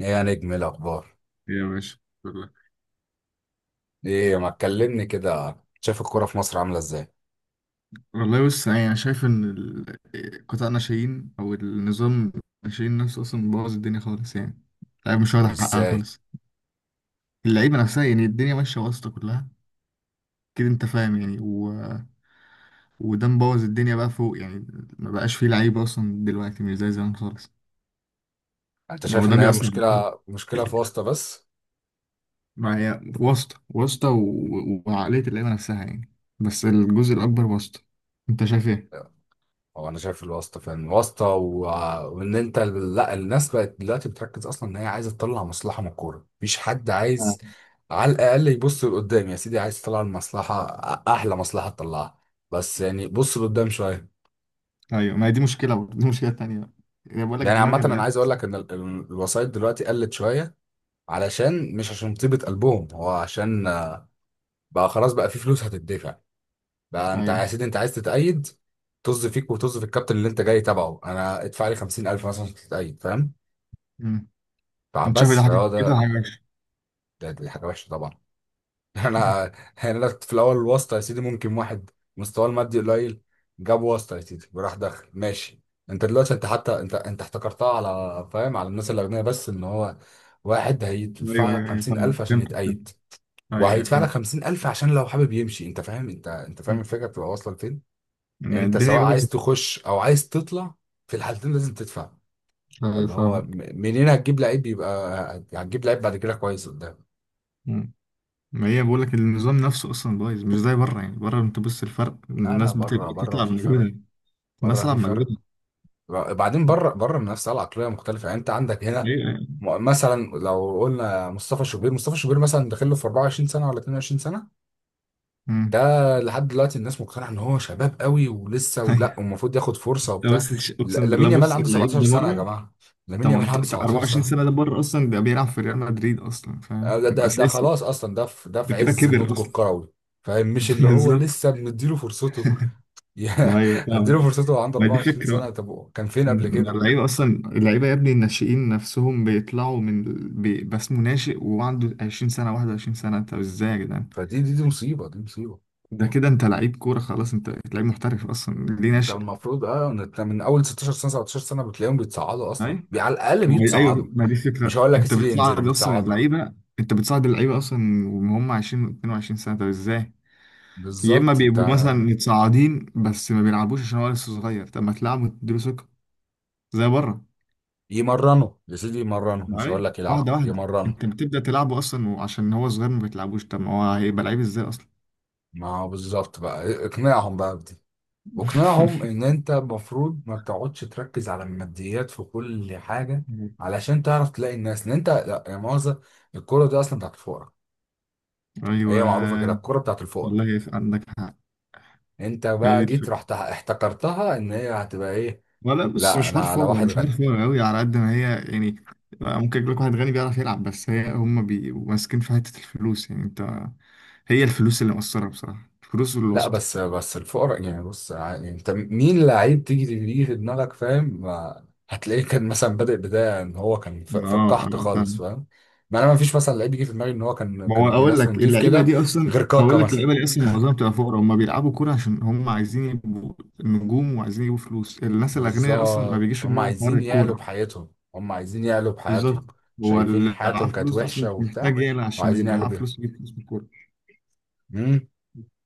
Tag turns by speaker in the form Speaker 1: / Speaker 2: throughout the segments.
Speaker 1: ايه يا نجم، إيه الاخبار؟
Speaker 2: يا باشا. والله
Speaker 1: ايه ما تكلمني كده، شايف الكوره في مصر عامله ازاي؟
Speaker 2: والله. بص، يعني انا شايف ان قطاع الناشئين او النظام الناشئين نفسه اصلا بوظ الدنيا خالص يعني. اللعيبه مش واخده حقها
Speaker 1: ازاي؟
Speaker 2: خالص. اللعيبه نفسها يعني الدنيا ماشيه واسطه كلها، كده انت فاهم يعني وده مبوظ الدنيا بقى فوق يعني. ما بقاش فيه لعيبه اصلا دلوقتي، مش زي زمان خالص.
Speaker 1: انت
Speaker 2: يعني هو
Speaker 1: شايف
Speaker 2: ده
Speaker 1: ان هي
Speaker 2: بيأثر على الكورة.
Speaker 1: مشكله في واسطه بس؟
Speaker 2: ما هي واسطه واسطه وعقليه اللعيبه نفسها يعني، بس الجزء الاكبر واسطه. انت شايف ايه؟
Speaker 1: هو انا شايف الواسطه فين واسطه و... وان انت، لا الناس بقت دلوقتي بتركز اصلا ان هي عايزه تطلع مصلحه من الكوره، مفيش حد عايز على الاقل يبص لقدام، يا سيدي عايز تطلع المصلحه، احلى مصلحه تطلعها، بس يعني بص لقدام شويه.
Speaker 2: ايوه، ما هي دي مشكله. برضه دي مشكله تانية بقى، يعني بقول لك
Speaker 1: يعني عامه
Speaker 2: دماغ
Speaker 1: انا
Speaker 2: اللعيب.
Speaker 1: عايز اقول لك ان الوسائط دلوقتي قلت شويه، علشان مش عشان طيبه قلبهم، هو عشان بقى خلاص بقى في فلوس هتدفع، بقى انت
Speaker 2: ايوه.
Speaker 1: يا سيدي انت عايز تتأيد، طز فيك وطز في الكابتن اللي انت جاي تبعه، انا ادفع لي 50,000 مثلا عشان تتأيد، فاهم؟
Speaker 2: امم. انت شايف إيه؟
Speaker 1: فبس
Speaker 2: ده حاجه
Speaker 1: فهو
Speaker 2: كده،
Speaker 1: ده.
Speaker 2: حاجه وحشه.
Speaker 1: دي حاجة وحشة طبعا.
Speaker 2: أمم.
Speaker 1: انا، يعني كنت في الاول الواسطة يا سيدي ممكن واحد مستواه المادي قليل جاب واسطة يا سيدي وراح داخل ماشي. انت دلوقتي، انت حتى، انت احتكرتها على، فاهم، على الناس الأغنياء بس، ان هو واحد
Speaker 2: ايوه
Speaker 1: هيدفع لك
Speaker 2: ايوه ايوه، فاهمك،
Speaker 1: 50,000 عشان
Speaker 2: فهمت فهمت.
Speaker 1: يتأيد،
Speaker 2: ايوه ايوه
Speaker 1: وهيدفع لك
Speaker 2: فهمت.
Speaker 1: 50,000 عشان لو حابب يمشي، انت فاهم، انت فاهم
Speaker 2: أمم.
Speaker 1: الفكرة بتبقى واصلة لفين.
Speaker 2: ما
Speaker 1: يعني انت
Speaker 2: الدنيا
Speaker 1: سواء
Speaker 2: بايظه.
Speaker 1: عايز تخش او عايز تطلع، في الحالتين لازم تدفع.
Speaker 2: ايوه
Speaker 1: فاللي هو م-
Speaker 2: فاهمك.
Speaker 1: منين هتجيب لعيب يبقى؟ هتجيب لعيب بعد كده كويس قدام؟
Speaker 2: أمم. ما هي بقول لك النظام نفسه اصلا بايظ، مش زي بره. يعني بره انت بص، الفرق،
Speaker 1: لا لا،
Speaker 2: الناس
Speaker 1: بره، بره
Speaker 2: بتطلع
Speaker 1: في فرق،
Speaker 2: بمجهودها. الناس
Speaker 1: بره في
Speaker 2: تلعب
Speaker 1: فرق،
Speaker 2: بمجهودها.
Speaker 1: بعدين بره، بره المنافسه العقليه مختلفه، يعني انت عندك هنا،
Speaker 2: ايوه ايوه.
Speaker 1: مثلا لو قلنا مصطفى شوبير، مصطفى شوبير مثلا داخل له في 24 سنه ولا 22 سنه،
Speaker 2: أمم.
Speaker 1: ده لحد دلوقتي الناس مقتنعه ان هو شباب قوي ولسه، ولا
Speaker 2: أيوة.
Speaker 1: ومفروض ياخد فرصه
Speaker 2: ده
Speaker 1: وبتاع.
Speaker 2: بس
Speaker 1: ل-
Speaker 2: اقسم بالله،
Speaker 1: لامين يامال
Speaker 2: بص
Speaker 1: عنده
Speaker 2: اللعيب ده
Speaker 1: 17 سنه يا
Speaker 2: بره
Speaker 1: جماعه، لامين يامال عنده
Speaker 2: 18
Speaker 1: 17 سنه،
Speaker 2: 24 سنه. ده بره اصلا، ده بيلعب في ريال مدريد اصلا،
Speaker 1: آه،
Speaker 2: فاهم،
Speaker 1: ده
Speaker 2: اساسي.
Speaker 1: خلاص اصلا، ده في، ده
Speaker 2: ده
Speaker 1: في
Speaker 2: كده
Speaker 1: عز
Speaker 2: كبر
Speaker 1: نضجه
Speaker 2: اصلا.
Speaker 1: الكروي، فاهم؟ مش اللي هو
Speaker 2: بالظبط.
Speaker 1: لسه مديله فرصته. يا-
Speaker 2: ايوه
Speaker 1: هديله
Speaker 2: فاهمك.
Speaker 1: فرصته وهو عنده
Speaker 2: ما دي
Speaker 1: 24
Speaker 2: فكرة بقى.
Speaker 1: سنه، طب هو كان فين قبل
Speaker 2: ما
Speaker 1: كده؟
Speaker 2: اللعيبة أصلا، اللعيبة يا ابني، الناشئين نفسهم بيطلعوا بس اسمه ناشئ وعنده 20 سنة 21 سنة. أنت إزاي يا جدعان؟
Speaker 1: فدي دي دي مصيبه، دي مصيبه.
Speaker 2: ده كده أنت لعيب كورة خلاص، أنت لعيب محترف، أصلا ليه
Speaker 1: انت
Speaker 2: ناشئ؟
Speaker 1: المفروض، اه انت من اول 16 سنه 17 سنه بتلاقيهم بيتصعدوا اصلا،
Speaker 2: أيوة.
Speaker 1: على الاقل
Speaker 2: ما هي أيوة،
Speaker 1: بيتصعدوا،
Speaker 2: ما دي
Speaker 1: مش
Speaker 2: فكرة،
Speaker 1: هقول لك يا
Speaker 2: أنت
Speaker 1: سيدي ينزلوا،
Speaker 2: بتصعد أصلا
Speaker 1: بيتصعدوا.
Speaker 2: اللعيبة. أنت بتصعد اللعيبة أصلا وهم 20 22 سنة، طب إزاي؟ يا إما
Speaker 1: بالظبط انت،
Speaker 2: بيبقوا مثلا متصاعدين بس ما بيلعبوش عشان هو لسه صغير. طب ما تلعبوا، تديله ثقة زي بره.
Speaker 1: يمرنوا يا سيدي، يمرنوا، مش هقول
Speaker 2: معايا
Speaker 1: لك يلعبوا،
Speaker 2: واحدة واحدة.
Speaker 1: يمرنوا.
Speaker 2: انت بتبدأ تلعبه اصلا وعشان هو صغير ما بتلعبوش، طب ما هو هيبقى لعيب ازاي اصلا؟
Speaker 1: ما هو بالظبط، بقى اقنعهم بقى بدي، واقنعهم ان انت المفروض ما بتقعدش تركز على الماديات في كل حاجه، علشان تعرف تلاقي الناس، ان انت لا يا مؤاخذه الكوره دي اصلا بتاعت الفقراء،
Speaker 2: ايوه.
Speaker 1: هي معروفه كده الكوره بتاعت الفقراء.
Speaker 2: والله، عندك حق.
Speaker 1: انت بقى
Speaker 2: هذه
Speaker 1: جيت
Speaker 2: الفكرة.
Speaker 1: رحت احتكرتها ان هي هتبقى ايه؟
Speaker 2: ولا بص،
Speaker 1: لا
Speaker 2: مش
Speaker 1: انا
Speaker 2: حوار
Speaker 1: على
Speaker 2: فاضي،
Speaker 1: واحد
Speaker 2: مش حوار
Speaker 1: غني.
Speaker 2: فاضي قوي على قد ما هي يعني. ممكن يجيب لك واحد غني بيعرف يلعب، بس هي هم بيبقوا ماسكين في حتة الفلوس. يعني انت، هي الفلوس اللي مقصرة بصراحة، الفلوس
Speaker 1: لا
Speaker 2: والواسطة.
Speaker 1: بس الفقراء، يعني بص، يعني انت مين لعيب تيجي في دماغك، فاهم؟ هتلاقيه كان مثلا بادئ بدايه ان هو كان في، في
Speaker 2: اه
Speaker 1: القحط
Speaker 2: اه.
Speaker 1: خالص، فاهم؟ ما انا، ما فيش مثلا لعيب يجي في دماغي ان هو كان
Speaker 2: ما
Speaker 1: كان
Speaker 2: هو
Speaker 1: ابن
Speaker 2: اقول
Speaker 1: ناس
Speaker 2: لك،
Speaker 1: ونضيف كده، غير كاكا مثلا.
Speaker 2: اللعيبه دي اصلا معظمها بتبقى فقراء. هم بيلعبوا كوره عشان هم عايزين يبقوا نجوم، وعايزين يجيبوا فلوس. الناس الاغنياء اصلا ما
Speaker 1: بالظبط،
Speaker 2: بيجيش في
Speaker 1: هم
Speaker 2: دماغهم حوار
Speaker 1: عايزين يعلوا
Speaker 2: الكوره.
Speaker 1: بحياتهم، هم عايزين يعلوا
Speaker 2: بالظبط.
Speaker 1: بحياتهم،
Speaker 2: هو
Speaker 1: شايفين
Speaker 2: اللي معاه
Speaker 1: حياتهم كانت
Speaker 2: فلوس ده اصلا
Speaker 1: وحشة
Speaker 2: مش محتاج
Speaker 1: وبتاع،
Speaker 2: يقلق عشان
Speaker 1: وعايزين
Speaker 2: يبقى
Speaker 1: يعلوا
Speaker 2: معاه
Speaker 1: بيها.
Speaker 2: فلوس، يجيب فلوس من الكوره.
Speaker 1: امم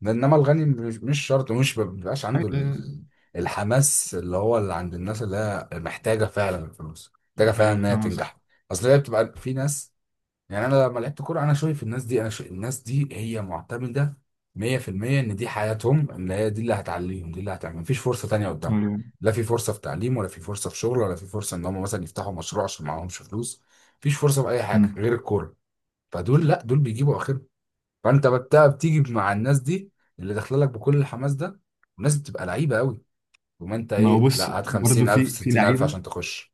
Speaker 1: انما الغني مش شرط، ومش ما بيبقاش عنده
Speaker 2: ايوه.
Speaker 1: الحماس اللي هو اللي عند الناس، اللي هي محتاجة فعلا الفلوس، محتاجة فعلا
Speaker 2: أيوة،
Speaker 1: انها
Speaker 2: فاهم قصدك.
Speaker 1: تنجح، اصل هي بتبقى في ناس. يعني انا لما لعبت كوره، انا شايف الناس دي، انا شايف الناس دي هي معتمده 100% ان دي حياتهم، اللي هي دي اللي هتعليهم، دي اللي هتعمل، مفيش فرصه تانية قدامهم،
Speaker 2: أيوة.
Speaker 1: لا في فرصه في تعليم، ولا في فرصه في شغل، ولا في فرصه ان هم مثلا يفتحوا مشروع عشان معاهمش فلوس، مفيش فرصه في اي حاجه
Speaker 2: أمم.
Speaker 1: غير الكوره. فدول، لا دول بيجيبوا اخرهم، فانت بتيجي مع الناس دي اللي داخله لك بكل الحماس ده، والناس بتبقى لعيبه قوي، وما انت
Speaker 2: ما هو
Speaker 1: ايه،
Speaker 2: بص،
Speaker 1: لا هات
Speaker 2: برضه
Speaker 1: 50,000،
Speaker 2: في
Speaker 1: 60,000
Speaker 2: لعيبه.
Speaker 1: عشان تخش.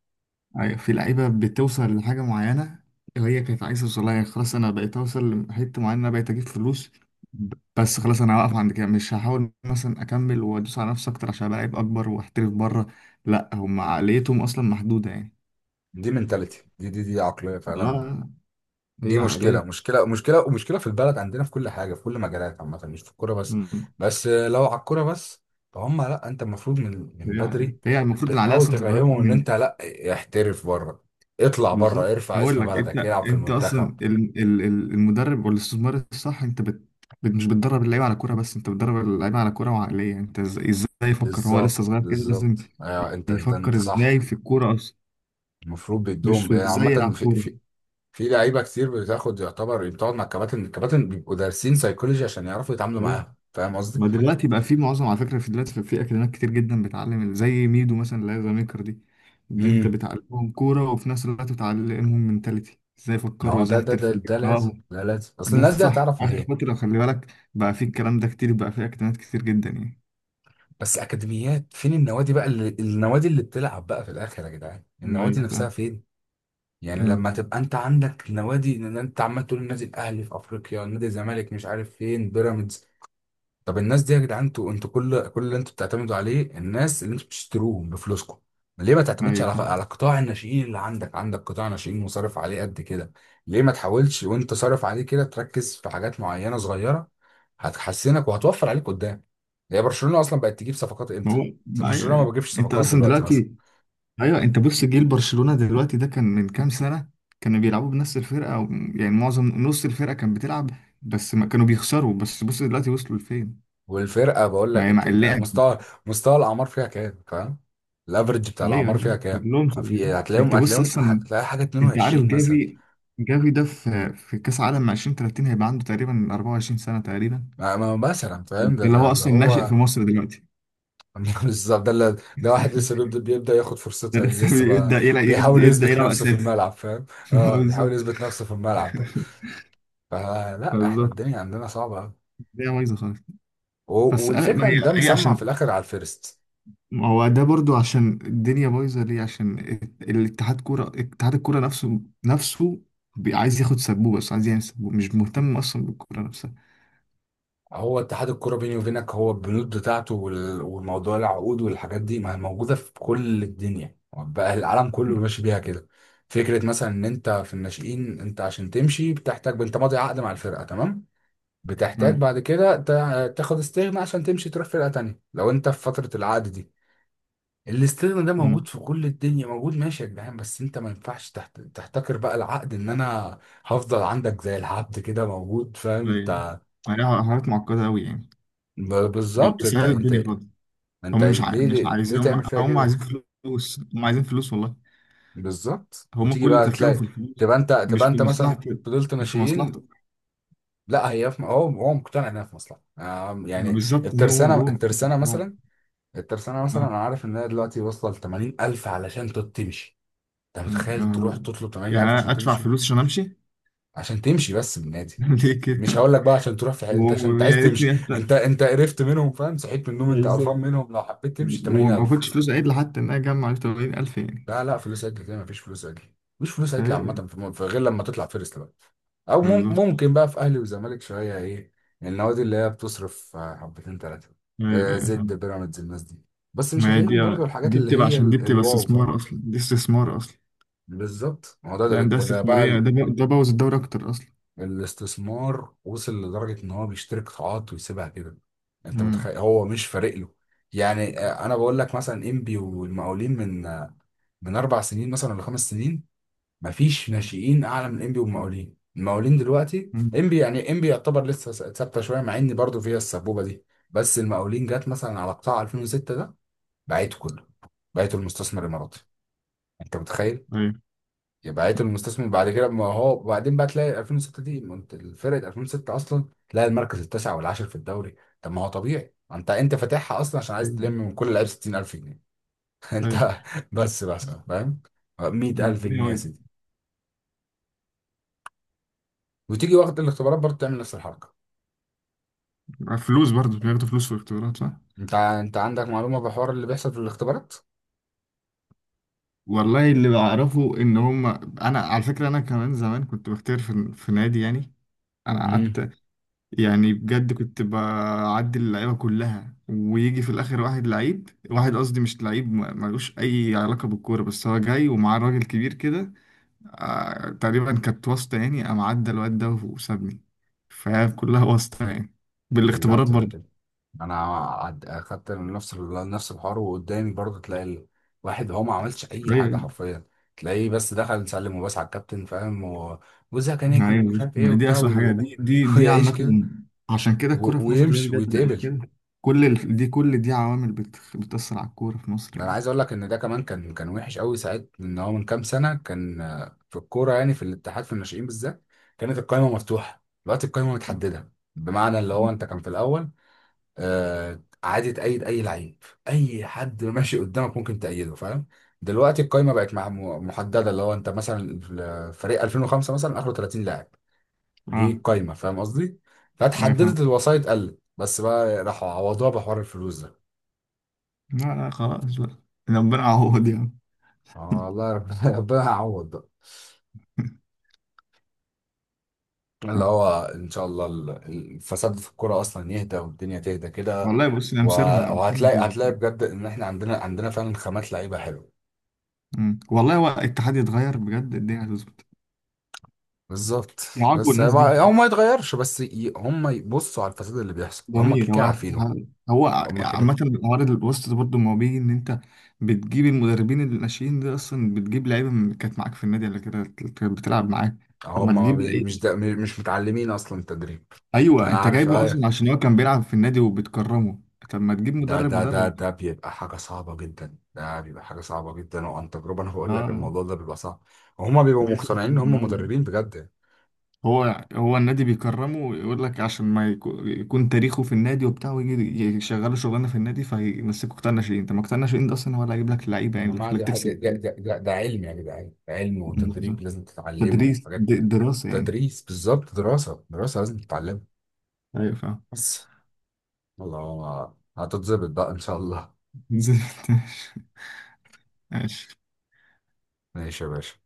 Speaker 2: أيوة، في لعيبة بتوصل لحاجة معينة وهي كانت عايزة توصلها. يعني خلاص أنا بقيت أوصل لحتة معينة، أنا بقيت أجيب فلوس. بس خلاص، أنا هوقف عند كده، مش هحاول مثلا أكمل وأدوس على نفسي أكتر عشان أبقى لعيب أكبر وأحترف بره. لأ، هم عقليتهم أصلا محدودة يعني.
Speaker 1: دي منتاليتي، دي عقليه
Speaker 2: لا
Speaker 1: فعلا،
Speaker 2: لا، هي
Speaker 1: دي مشكلة
Speaker 2: عقلية.
Speaker 1: مشكلة مشكلة ومشكلة في البلد عندنا، في كل حاجة، في كل مجالات عامة، مش في الكورة بس،
Speaker 2: مم.
Speaker 1: بس لو على الكورة بس، فهم لا انت المفروض من
Speaker 2: هي عقلية،
Speaker 1: بدري
Speaker 2: هي المفروض العقلية
Speaker 1: بتحاول
Speaker 2: أصلا تتغير.
Speaker 1: تفهمهم ان انت لا، احترف بره، اطلع بره،
Speaker 2: بالظبط.
Speaker 1: ارفع
Speaker 2: هقول
Speaker 1: اسم
Speaker 2: لك،
Speaker 1: بلدك،
Speaker 2: انت
Speaker 1: العب في
Speaker 2: انت
Speaker 1: المنتخب.
Speaker 2: اصلا المدرب والاستثمار الصح. انت مش بتدرب اللعيبه على كوره بس، انت بتدرب اللعيبه على كوره وعقليه. انت ازاي يفكر هو
Speaker 1: بالظبط
Speaker 2: لسه صغير كده؟ لازم
Speaker 1: بالظبط، ايوه انت، انت
Speaker 2: يفكر
Speaker 1: انت
Speaker 2: ازاي
Speaker 1: صح.
Speaker 2: في الكوره اصلا،
Speaker 1: المفروض
Speaker 2: مش
Speaker 1: بيدوم،
Speaker 2: في
Speaker 1: يعني
Speaker 2: ازاي
Speaker 1: عامة
Speaker 2: يلعب
Speaker 1: في
Speaker 2: كوره.
Speaker 1: في لعيبة كتير بتاخد يعتبر، بتقعد مع الكباتن، الكباتن بيبقوا دارسين سيكولوجي عشان يعرفوا يتعاملوا
Speaker 2: فاهم؟
Speaker 1: معاها، فاهم قصدي؟
Speaker 2: ما دلوقتي بقى في معظم، على فكره، في دلوقتي في اكاديميات كتير جدا بتعلم، زي ميدو مثلا اللي هي زميكر دي. دي انت
Speaker 1: امم
Speaker 2: بتعلمهم كوره وفي نفس الوقت بتعلمهم منتاليتي، ازاي
Speaker 1: ما
Speaker 2: يفكروا،
Speaker 1: هو
Speaker 2: ازاي
Speaker 1: ده، ده ده
Speaker 2: يحترفوا.
Speaker 1: ده لازم، ده لازم، اصل
Speaker 2: دي
Speaker 1: الناس دي
Speaker 2: صح.
Speaker 1: هتعرف
Speaker 2: آخر
Speaker 1: منين؟
Speaker 2: فترة خلي بالك بقى في الكلام ده كتير، بقى في أكتئاب كتير جدا يعني.
Speaker 1: بس اكاديميات، فين النوادي بقى اللي، النوادي اللي بتلعب بقى في الاخر يا جدعان، النوادي
Speaker 2: أيوة
Speaker 1: نفسها
Speaker 2: فاهم.
Speaker 1: فين؟ يعني
Speaker 2: امم.
Speaker 1: لما تبقى انت عندك نوادي، ان انت عمال تقول النادي الاهلي في افريقيا، نادي الزمالك مش عارف فين، بيراميدز، طب الناس دي يا جدعان، انتوا، انتوا كل اللي انتوا بتعتمدوا عليه الناس اللي انتوا بتشتروهم بفلوسكم، ليه ما تعتمدش
Speaker 2: أيوة
Speaker 1: على
Speaker 2: فاهم.
Speaker 1: على قطاع الناشئين اللي عندك؟ عندك قطاع ناشئين وصرف عليه قد كده، ليه ما تحاولش وانت صارف عليه كده تركز في حاجات معينة صغيرة، هتحسنك وهتوفر عليك قدام. هي برشلونة اصلا بقت تجيب صفقات
Speaker 2: ما
Speaker 1: امتى؟
Speaker 2: هو ما
Speaker 1: برشلونة ما
Speaker 2: أيوة.
Speaker 1: بتجيبش
Speaker 2: أنت
Speaker 1: صفقات
Speaker 2: أصلا
Speaker 1: دلوقتي مثلا،
Speaker 2: دلوقتي. أيوة، أنت بص، جيل برشلونة دلوقتي ده كان من كام سنة. كانوا بيلعبوا بنفس الفرقة، أو يعني معظم نص الفرقة كانت بتلعب، بس ما كانوا بيخسروا. بس بص دلوقتي وصلوا لفين.
Speaker 1: والفرقة بقول
Speaker 2: ما
Speaker 1: لك،
Speaker 2: هي
Speaker 1: انت
Speaker 2: مع اللعب.
Speaker 1: مستوى، مستوى الاعمار فيها كام، فاهم؟ الافرج بتاع
Speaker 2: أيوة
Speaker 1: الاعمار فيها
Speaker 2: أيوة،
Speaker 1: كام؟
Speaker 2: كلهم
Speaker 1: ما في
Speaker 2: صغيرين،
Speaker 1: هتلاقيهم،
Speaker 2: أنت بص
Speaker 1: هتلاقيهم،
Speaker 2: أصلا.
Speaker 1: هتلاقي حاجة
Speaker 2: أنت عارف
Speaker 1: 22 مثلا،
Speaker 2: جافي. جافي ده في كأس عالم 2030 هيبقى عنده تقريبا 24 سنة تقريبا.
Speaker 1: ما مثلا، فاهم؟
Speaker 2: ده
Speaker 1: ده
Speaker 2: اللي
Speaker 1: ده
Speaker 2: هو
Speaker 1: اللي
Speaker 2: اصلا ناشئ
Speaker 1: هو.
Speaker 2: في مصر دلوقتي.
Speaker 1: بالظبط، ده اللي، ده واحد لسه بيبدأ، بيبدأ ياخد
Speaker 2: ده
Speaker 1: فرصته، يعني
Speaker 2: لسه
Speaker 1: لسه بقى
Speaker 2: بيبدا يلعب يبدا
Speaker 1: بيحاول
Speaker 2: يبدأ
Speaker 1: يثبت
Speaker 2: يلعب
Speaker 1: نفسه في
Speaker 2: اساسي.
Speaker 1: الملعب، فاهم؟
Speaker 2: ما هو
Speaker 1: اه بيحاول
Speaker 2: بالظبط
Speaker 1: يثبت نفسه في الملعب بقى. فلا احنا
Speaker 2: بالظبط.
Speaker 1: الدنيا عندنا صعبة أوي،
Speaker 2: الدنيا بايظه خالص.
Speaker 1: و-
Speaker 2: بس ما
Speaker 1: والفكرة ان ده
Speaker 2: هي
Speaker 1: مسمع في
Speaker 2: عشان،
Speaker 1: الاخر على الفيرست.
Speaker 2: ما هو ده برضو عشان الدنيا بايظه ليه، عشان الات- الاتحاد كوره اتحاد الكوره نفسه عايز ياخد سبوبه، بس عايز يعمل سبوبه، مش مهتم اصلا بالكوره نفسها.
Speaker 1: هو اتحاد الكرة بيني وبينك، هو البنود بتاعته والموضوع، العقود والحاجات دي ما هي موجودة في كل الدنيا بقى، العالم
Speaker 2: م.
Speaker 1: كله ماشي بيها كده. فكرة مثلا ان انت في الناشئين، انت عشان تمشي بتحتاج، انت ماضي عقد مع الفرقة، تمام، بتحتاج
Speaker 2: ايوه.
Speaker 1: بعد كده تاخد استغنى عشان تمشي، تروح فرقة تانية لو انت في فترة العقد دي. الاستغنى ده
Speaker 2: م.
Speaker 1: موجود في كل الدنيا، موجود، ماشي يا جدعان، بس انت ما ينفعش تحتكر بقى العقد، ان انا هفضل عندك زي العبد كده موجود، فاهم
Speaker 2: ايوه.
Speaker 1: انت؟
Speaker 2: ما هي حاجات معقده قوي يعني،
Speaker 1: ب-
Speaker 2: مش
Speaker 1: بالظبط انت،
Speaker 2: بيساعد
Speaker 1: انت
Speaker 2: الدنيا خالص.
Speaker 1: انت
Speaker 2: هم
Speaker 1: ليه،
Speaker 2: مش
Speaker 1: ليه
Speaker 2: عايزين، هم
Speaker 1: تعمل فيها
Speaker 2: هم عايزين
Speaker 1: كده؟
Speaker 2: فلوس. هم عايزين فلوس والله.
Speaker 1: بالظبط،
Speaker 2: هم
Speaker 1: وتيجي
Speaker 2: كل
Speaker 1: بقى
Speaker 2: تفكيرهم
Speaker 1: تلاقي،
Speaker 2: في الفلوس.
Speaker 1: تبقى انت،
Speaker 2: مش
Speaker 1: تبقى
Speaker 2: في
Speaker 1: انت مثلا
Speaker 2: مصلحتك،
Speaker 1: فضلت
Speaker 2: مش في
Speaker 1: ماشيين،
Speaker 2: مصلحتك.
Speaker 1: لا هي في هو هو مقتنع انها في مصلحة، يعني
Speaker 2: بالظبط. هو
Speaker 1: الترسانة،
Speaker 2: هو
Speaker 1: الترسانة
Speaker 2: هو
Speaker 1: مثلا، الترسانة مثلا
Speaker 2: آه.
Speaker 1: أنا عارف إن هي دلوقتي واصلة لتمانين ألف علشان تمشي، أنت متخيل تروح
Speaker 2: آه.
Speaker 1: تطلب تمانين
Speaker 2: يعني
Speaker 1: ألف
Speaker 2: أنا
Speaker 1: عشان
Speaker 2: ادفع
Speaker 1: تمشي،
Speaker 2: فلوس عشان امشي.
Speaker 1: عشان تمشي بس من النادي؟
Speaker 2: ليه
Speaker 1: مش
Speaker 2: كده؟
Speaker 1: هقول لك بقى عشان تروح في أنت عشان أنت عايز
Speaker 2: ويا
Speaker 1: تمشي،
Speaker 2: ريتني
Speaker 1: أنت
Speaker 2: أت-
Speaker 1: أنت قرفت منهم، فاهم؟ صحيت من النوم أنت قرفان
Speaker 2: بالظبط.
Speaker 1: منهم، لو حبيت تمشي تمانين
Speaker 2: وما
Speaker 1: ألف.
Speaker 2: باخدش فلوس عدل، حتى ان انا اجمع 80,000 يعني.
Speaker 1: لا لا، فلوس عدل كده مفيش فلوس عدل، مفيش فلوس عدل
Speaker 2: ايوه.
Speaker 1: عامة، في في غير لما تطلع فيرست بقى، أو
Speaker 2: بالظبط.
Speaker 1: ممكن بقى في أهلي وزمالك شوية إيه، النوادي اللي هي بتصرف حبتين تلاتة،
Speaker 2: ايوه
Speaker 1: آه
Speaker 2: ايوه
Speaker 1: زد
Speaker 2: فاهم.
Speaker 1: بيراميدز الناس دي، بس مش
Speaker 2: ما هي دي
Speaker 1: هتلاقيهم برضو الحاجات
Speaker 2: دي
Speaker 1: اللي
Speaker 2: بتبقى،
Speaker 1: هي
Speaker 2: عشان دي بتبقى
Speaker 1: الواو،
Speaker 2: استثمار
Speaker 1: فاهم؟
Speaker 2: اصلا، دي استثمار اصلا.
Speaker 1: بالظبط، ما هو ده،
Speaker 2: دي
Speaker 1: ده,
Speaker 2: عندها
Speaker 1: ده, ده بقى
Speaker 2: استثماريه. ده بوظ الدوري اكتر اصلا.
Speaker 1: الاستثمار وصل لدرجة ان هو بيشتري قطاعات ويسيبها كده، انت
Speaker 2: امم.
Speaker 1: متخيل، هو مش فارق له. يعني انا بقول لك مثلا انبي والمقاولين، من من اربع سنين مثلا ولا خمس سنين، مفيش ناشئين اعلى من انبي والمقاولين، المقاولين دلوقتي،
Speaker 2: أمم.
Speaker 1: انبي، يعني انبي يعتبر لسه ثابته شويه، مع ان برضه فيها السبوبه دي. بس المقاولين جت مثلا على قطاع 2006 ده، بعته كله، بعته المستثمر الاماراتي، انت متخيل
Speaker 2: ايوه
Speaker 1: يبعته المستثمر بعد كده؟ ما هو، وبعدين بقى تلاقي 2006 دي، ما انت فرقه 2006 اصلا تلاقي المركز التاسع والعاشر في الدوري، طب ما هو طبيعي، انت فاتحها اصلا عشان عايز تلم من كل لعيب 60,000 جنيه. انت،
Speaker 2: ايوه
Speaker 1: بس فاهم، 100,000 جنيه
Speaker 2: ايوه.
Speaker 1: يا سيدي، وتيجي وقت الاختبارات برضه تعمل نفس الحركه.
Speaker 2: فلوس، برضه بياخدوا فلوس في الاختبارات، صح؟
Speaker 1: انت عندك معلومه بحوار اللي بيحصل في الاختبارات؟
Speaker 2: والله اللي بعرفه ان هم، انا على فكره انا كمان زمان كنت بختار في نادي يعني. انا
Speaker 1: امم،
Speaker 2: قعدت، يعني بجد كنت بعدي اللعيبه كلها، ويجي في الاخر واحد لعيب. واحد قصدي مش لعيب، ملوش اي علاقه بالكوره، بس هو جاي ومعاه راجل كبير كده. آه، تقريبا كانت واسطه يعني. قام عدى الواد ده وسابني. فكلها واسطه يعني،
Speaker 1: كلها
Speaker 2: بالاختبارات
Speaker 1: بتبقى
Speaker 2: برضه.
Speaker 1: كده. انا اخدت نفس نفس الحوار، وقدامي برضه تلاقي الواحد هو ما عملش اي حاجه
Speaker 2: أيوة.
Speaker 1: حرفيا، تلاقيه بس دخل سلم وبس على الكابتن، فاهم؟ وزها كان نجم ومش
Speaker 2: ايوه،
Speaker 1: عارف ايه
Speaker 2: ما هي دي
Speaker 1: وبتاع
Speaker 2: اسوء حاجه. دي دي دي
Speaker 1: ويعيش كده
Speaker 2: عامه، عشان كده الكوره في مصر دلوقتي
Speaker 1: ويمشي
Speaker 2: بجد بقت
Speaker 1: ويتقبل.
Speaker 2: كده. دي كل دي عوامل بتأثر على الكوره في مصر
Speaker 1: انا
Speaker 2: يعني.
Speaker 1: عايز اقول لك ان ده كمان كان وحش قوي ساعات، ان هو من كام سنه كان في الكوره، يعني في الاتحاد في الناشئين بالذات كانت القايمه مفتوحه، دلوقتي القايمه متحدده، بمعنى اللي هو انت كان في الاول عادي تأيد أي لعيب، أي حد ماشي قدامك ممكن تأيده، فاهم؟ دلوقتي القايمة بقت محددة، اللي هو أنت مثلا فريق 2005 مثلا آخره 30 لاعب، دي
Speaker 2: اه.
Speaker 1: القايمة، فاهم قصدي؟
Speaker 2: أوكي، فاهم.
Speaker 1: فاتحددت الوسائط قلت، بس بقى راحوا عوضوها بحوار الفلوس ده.
Speaker 2: لا لا خلاص بقى، ربنا يعوض يعني.
Speaker 1: آه والله، ربنا ربنا هيعوض بقى، اللي هو إن شاء الله الفساد في الكورة أصلا يهدى والدنيا تهدى كده.
Speaker 2: والله بص، انا
Speaker 1: و-
Speaker 2: مصيرها
Speaker 1: وهتلاقي،
Speaker 2: هتظبط
Speaker 1: هتلاقي
Speaker 2: يعني.
Speaker 1: بجد إن إحنا عندنا، عندنا فعلا خامات لعيبة حلوة،
Speaker 2: أمم. والله هو الاتحاد يتغير بجد، الدنيا هتظبط،
Speaker 1: بالظبط.
Speaker 2: يعاقبوا الناس دي.
Speaker 1: هو ما يتغيرش، بس هم يبصوا على الفساد اللي بيحصل، هم كده
Speaker 2: جميل. هو
Speaker 1: كده عارفينه،
Speaker 2: هو
Speaker 1: هم كده
Speaker 2: عامة،
Speaker 1: كده.
Speaker 2: عوارض البوست ده برضه، ما هو بيجي ان انت بتجيب المدربين. الناشئين دي اصلا بتجيب لعيبه كانت معاك في النادي قبل كده، كانت بتلعب معاك. طب ما
Speaker 1: هم ما
Speaker 2: تجيب
Speaker 1: بي- مش
Speaker 2: لعيبه.
Speaker 1: ده، مش متعلمين اصلا التدريب،
Speaker 2: ايوه،
Speaker 1: انا
Speaker 2: انت
Speaker 1: عارف
Speaker 2: جايبه
Speaker 1: ايه،
Speaker 2: اصلا عشان هو كان بيلعب في النادي وبتكرمه. طب ما تجيب
Speaker 1: ده
Speaker 2: مدرب
Speaker 1: ده ده
Speaker 2: مدرب.
Speaker 1: ده بيبقى حاجه صعبه جدا، ده بيبقى حاجه صعبه جدا، وعن تجربه انا بقول لك
Speaker 2: اه،
Speaker 1: الموضوع ده بيبقى صعب، وهم بيبقوا
Speaker 2: بيحصل في
Speaker 1: مقتنعين ان هم
Speaker 2: النادي عادي.
Speaker 1: مدربين بجد.
Speaker 2: هو النادي بيكرمه، ويقول لك عشان ما يكون تاريخه في النادي وبتاع، ويجي يشغله شغلانه في النادي، فيمسكه قطاع ناشئين. انت ما قطاع ناشئين ده اصلا هو اللي هيجيب لك اللعيبه
Speaker 1: يا
Speaker 2: يعني، اللي
Speaker 1: جماعه
Speaker 2: يخليك
Speaker 1: دي حاجه، ده ده علم يا جدعان، ده علم
Speaker 2: تكسب.
Speaker 1: وتدريب لازم تتعلمه
Speaker 2: تدريس،
Speaker 1: وحاجات كده.
Speaker 2: دراسة يعني.
Speaker 1: تدريس، بالظبط، دراسه، دراسه لازم تتعلمها،
Speaker 2: أيوة فاهم.
Speaker 1: بس الله هتتظبط بقى ان شاء الله.
Speaker 2: نزلت. ماشي.
Speaker 1: ماشي يا باشا.